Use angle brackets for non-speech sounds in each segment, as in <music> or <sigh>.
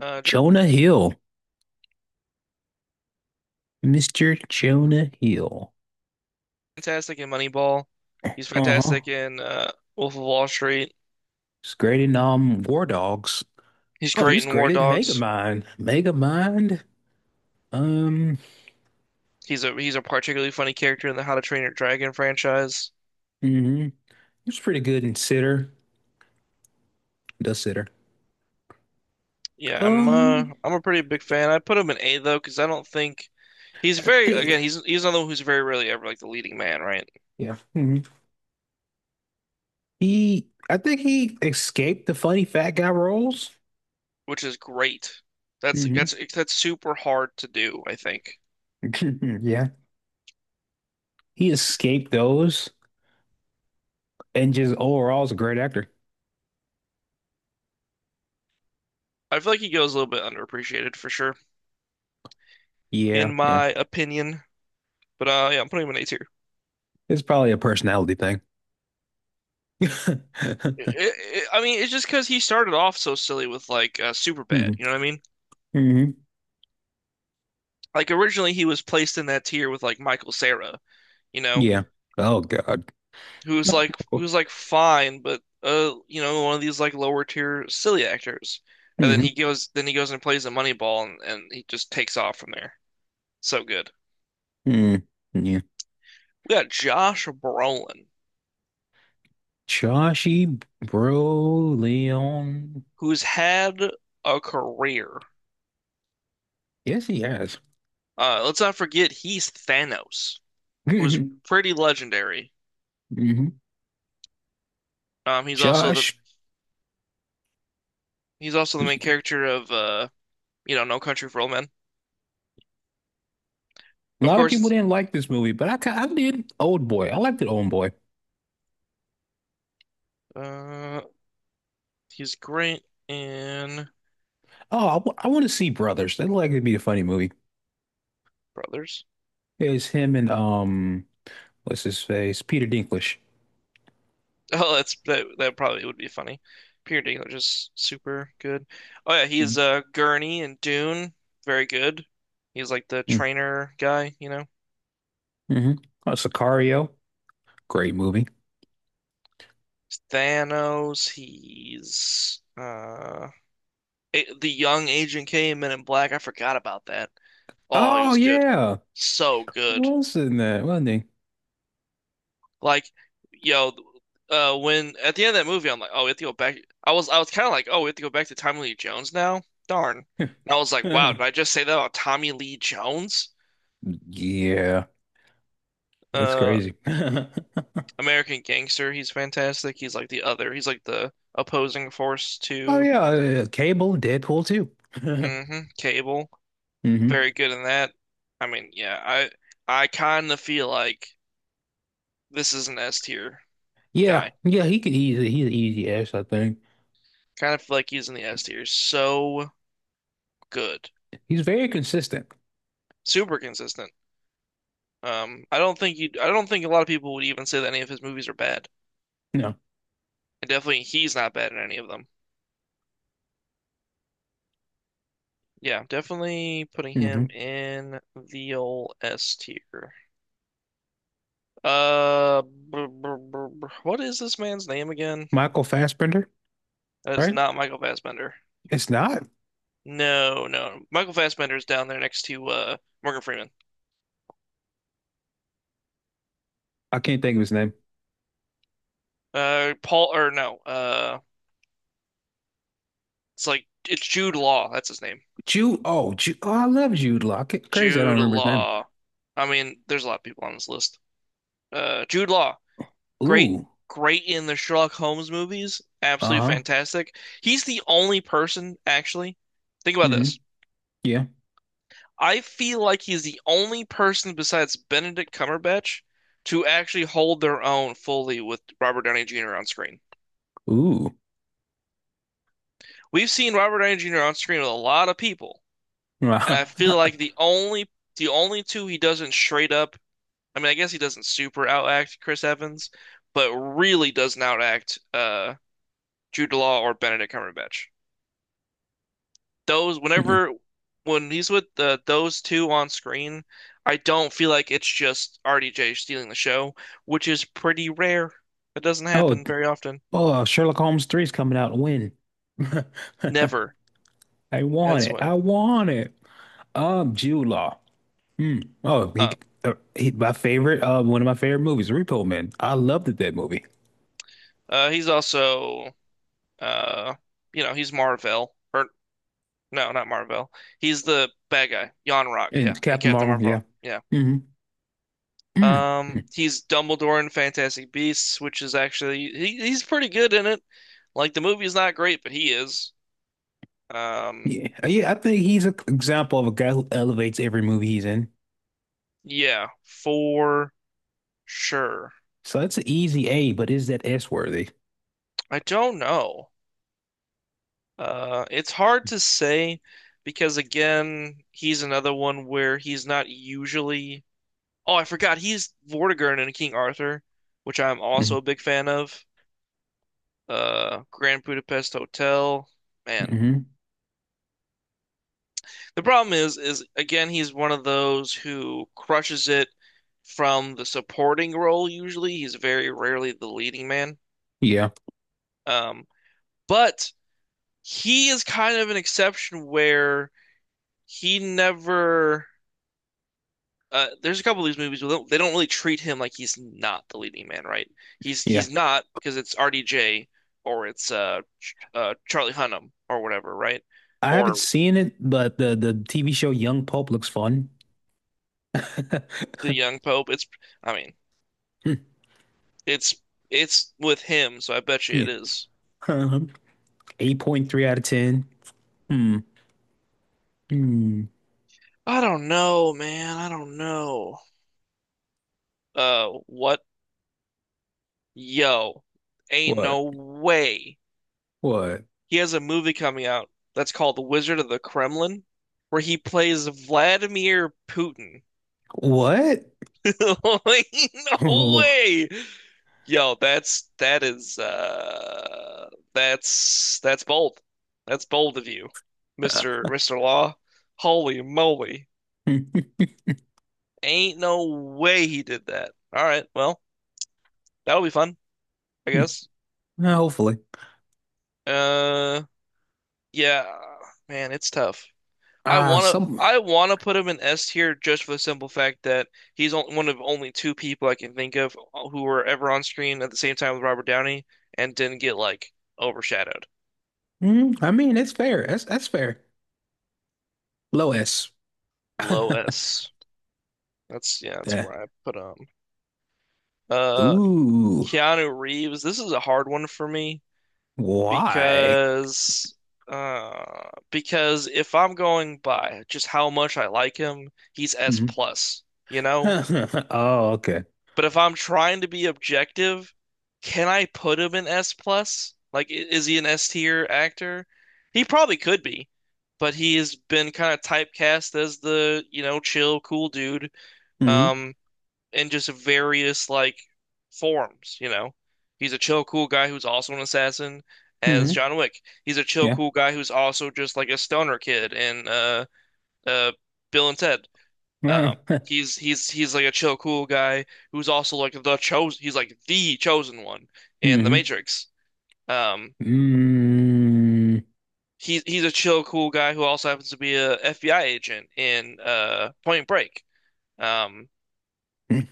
Joe's Jonah Hill, Mr. Jonah Hill. fantastic in Moneyball. He's Uh-huh. fantastic in Wolf of Wall Street. He's great in War Dogs. He's Oh, he great was in War great in Dogs. Megamind. Megamind. Um, He's a particularly funny character in the How to Train Your Dragon franchise. He was pretty good in Sitter. The Sitter. Yeah, I'm uh Um, I'm a pretty big fan. I put him in A though because I don't think he's I very think, again he's he's another one who's very rarely ever like the leading man, right? yeah. hmm He I think he escaped the funny fat guy roles. Which is great. That's hmm that's that's super hard to do, I think. <laughs> Yeah. He escaped those and just overall is a great actor. I feel like he goes a little bit underappreciated for sure, Yeah, in yeah. my opinion. But yeah, I'm putting him in A tier. It's probably a personality thing. <laughs> I mean, it's just because he started off so silly with like hmm Superbad. You know what I mean? hmm Like originally he was placed in that tier with like Michael Cera, you know, Yeah. Oh God. who's like fine, but you know, one of these like lower tier silly actors. And hmm then he goes and plays a Moneyball, and he just takes off from there. So good. Mm. Yeah. We got Josh Brolin, Chashi Broleon. who's had a career. Yes, he has. Let's not forget he's Thanos, who's hmm pretty legendary. hmm Um, he's also the Josh. He's also A the main character of you know, No Country for Old Men. Of lot of course, people it's, didn't like this movie, but I did Old Boy. I liked it, Old Boy. uh, he's great in Oh, I want to see Brothers. That looked like it'd be a funny movie. Brothers. <laughs> It's him and what's his face? Peter Dinklage. Oh, that's that. That probably would be funny. Peter Dinklage is super good. Oh yeah, he's Mm-hmm. Gurney in Dune. Very good. He's like the trainer guy, you know. Mm-hmm. Oh, Sicario. Great movie. Thanos. He's the young Agent K in Men in Black. I forgot about that. Oh, he Oh was good. yeah, So he good. was in that, wasn't Like, you know, when at the end of that movie, I'm like, oh, we have to go back. I was kind of like, oh, we have to go back to Tommy Lee Jones now. Darn. And I was like, wow, he? did <laughs> I just say that about Tommy Lee Jones? Yeah, it's Uh, crazy. <laughs> American Gangster. He's fantastic. He's like the other. He's like the opposing force Oh to yeah, Cable, Deadpool too. <laughs> Cable. hmm Very good in that. I mean, yeah, I kind of feel like this is an S tier Yeah, guy. yeah, he could. He's an easy ass. I think Kind of feel like he's in the S tier. So good. he's very consistent. Super consistent. I don't think you. I don't think a lot of people would even say that any of his movies are bad. No, And definitely, he's not bad in any of them. Yeah, definitely putting him hmm in the old S tier. What is this man's name again? Michael Fassbender, That is right? not Michael Fassbender. It's not. No, no, Michael Fassbender is down there next to Morgan Freeman. I can't think of his name. Paul or no, it's like it's Jude Law. That's his name. Jude. Oh, Jude. Oh, I love Jude Law. Crazy, I don't Jude remember his name. Law. I mean, there's a lot of people on this list. Jude Law. great, Ooh. great in the Sherlock Holmes movies. Absolutely Uh-huh. fantastic. He's the only person, actually. Think about hmm this. Yeah. I feel like he's the only person besides Benedict Cumberbatch to actually hold their own fully with Robert Downey Jr. on screen. Ooh. We've seen Robert Downey Jr. on screen with a lot of people, <laughs> Mhm. and I feel like the only two he doesn't straight up. I mean, I guess he doesn't super outact Chris Evans, but really doesn't outact Jude Law or Benedict Cumberbatch. Those whenever when he's with the those two on screen, I don't feel like it's just RDJ stealing the show, which is pretty rare. It doesn't Oh. happen very often. Oh. Sherlock Holmes 3 is coming out. When? <laughs> I Never. want That's it. when. I want it. Jude Law. Hmm. Oh, Uh, my favorite, one of my favorite movies, Repo Man. I loved that movie. He's also uh you know, he's Marvel or no, not Marvel. He's the bad guy, Yon Rock, yeah, And and Captain Captain Marvel, Marvel. yeah. Yeah. hmm Mm. Mm. He's Dumbledore in Fantastic Beasts, which is actually he's pretty good in it. Like the movie's not great, but he is. Um, Yeah, yeah. I think he's an example of a guy who elevates every movie he's in. Yeah, for sure. So that's an easy A, but is that S worthy? I don't know. It's hard to say because again, he's another one where he's not usually. Oh, I forgot he's Vortigern in King Arthur, which I'm hmm also a big fan of. Grand Budapest Hotel. Man, hmm the problem is again, he's one of those who crushes it from the supporting role. Usually, he's very rarely the leading man. Yeah, Um, but he is kind of an exception where he never. There's a couple of these movies where they don't really treat him like he's not the leading man, right? He's yeah. he's not because it's RDJ or it's Charlie Hunnam or whatever, right? I haven't Or seen it, but the TV show Young Pope looks fun. <laughs> the young Pope. It's I mean Hmm. it's it's with him, so I bet you Yeah. it is. Um, 8.3 out of 10. Hmm. Hmm. I don't know, man. I don't know. What? Yo, ain't What? no way What? he has a movie coming out that's called The Wizard of the Kremlin, where he plays Vladimir Putin. What? <laughs> Like, no Oh. way. Yo, that's bold. That's bold of you, Mr. <laughs> Mr. Law. Holy moly. Ain't no way he did that. All right, well, that'll be fun, I guess. Hopefully. Uh yeah, man, it's tough. I Ah, wanna some. I wanna put him in S tier just for the simple fact that he's one of only two people I can think of who were ever on screen at the same time with Robert Downey and didn't get like overshadowed. Mm, I mean, it's fair. That's fair. Low S. <laughs> Low S. That's yeah, that's The- where I put him. Uh, Ooh. Keanu Reeves. This is a hard one for me Why? because because if I'm going by just how much I like him, he's S Mhm. plus, you know? <laughs> Oh, okay. But if I'm trying to be objective, can I put him in S plus? Like, is he an S tier actor? He probably could be, but he has been kind of typecast as the, you know, chill, cool dude, hmm um, in just various like forms, you know. He's a chill, cool guy who's also an assassin as hmm John Wick. He's a chill, Yeah. cool guy who's also just like a stoner kid in uh Bill and Ted. <laughs> Um, hmm he's he's like a chill, cool guy who's also like the chosen. He's like the chosen one in the Matrix. Um, Mm. he's a chill, cool guy who also happens to be a FBI agent in Point Break. Um,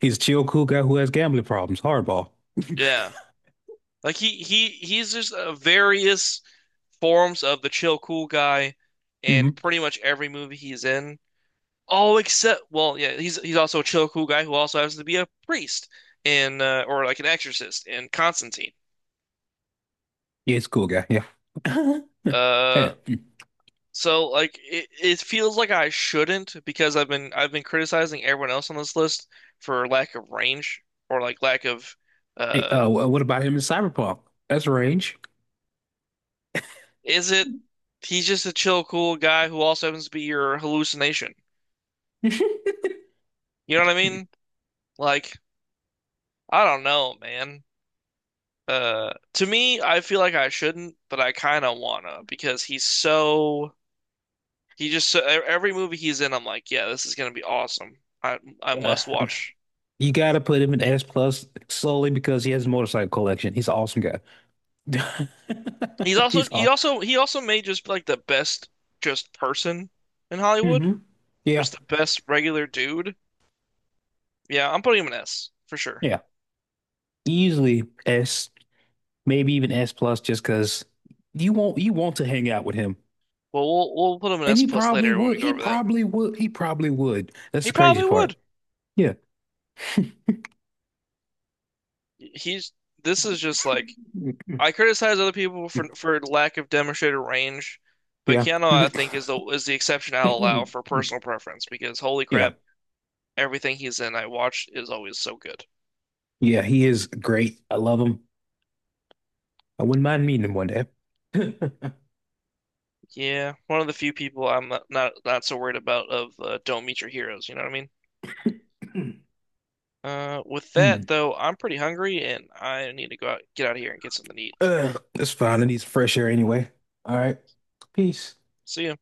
He's a chill, cool guy who has gambling problems. Hardball. <laughs> yeah, like he's just various forms of the chill, cool guy in Yeah, pretty much every movie he's in. Oh, except well, yeah, he's also a chill, cool guy who also happens to be a priest in or like an exorcist in Constantine. he's a cool guy. Yeah. <laughs> Hey, Uh, mm. So like it feels like I shouldn't because I've been criticizing everyone else on this list for lack of range or like lack of hey, uh uh, wh- what about him in Cyberpunk? That's range. is it he's just a chill cool guy who also happens to be your hallucination. <laughs> You know what I mean? Like I don't know, man. To me I feel like I shouldn't, but I kind of wanna because he's so e- every movie he's in I'm like, yeah, this is gonna be awesome. I Uh, must watch. you gotta put him in S plus solely because he has a motorcycle collection. He's an awesome guy. <laughs> He's awesome. He also made just like the best just person in Hollywood, hmm Yeah, just the best regular dude. Yeah, I'm putting him an S for sure. yeah. Easily S, maybe even S plus, just because you want to hang out with him, Well, we'll put him an and S he plus probably later when would. we go He over that. probably would. He probably would. That's the He crazy probably part. would. Yeah. <laughs> He's this is just like I criticize other people for lack of demonstrated range, but Yeah. Keanu I think <laughs> is the exception I'll Yeah. allow for personal preference because holy crap, everything he's in I watch is always so good. Yeah. He is great. I love him. I wouldn't mind meeting him one day. <laughs> Yeah, one of the few people I'm not so worried about of don't meet your heroes. You know what I mean? Mm. <clears throat> With that Mm. though, I'm pretty hungry and I need to go out, get out of here and get something to eat. Ugh, it's fine. It needs fresh air anyway. All right. Peace. See ya.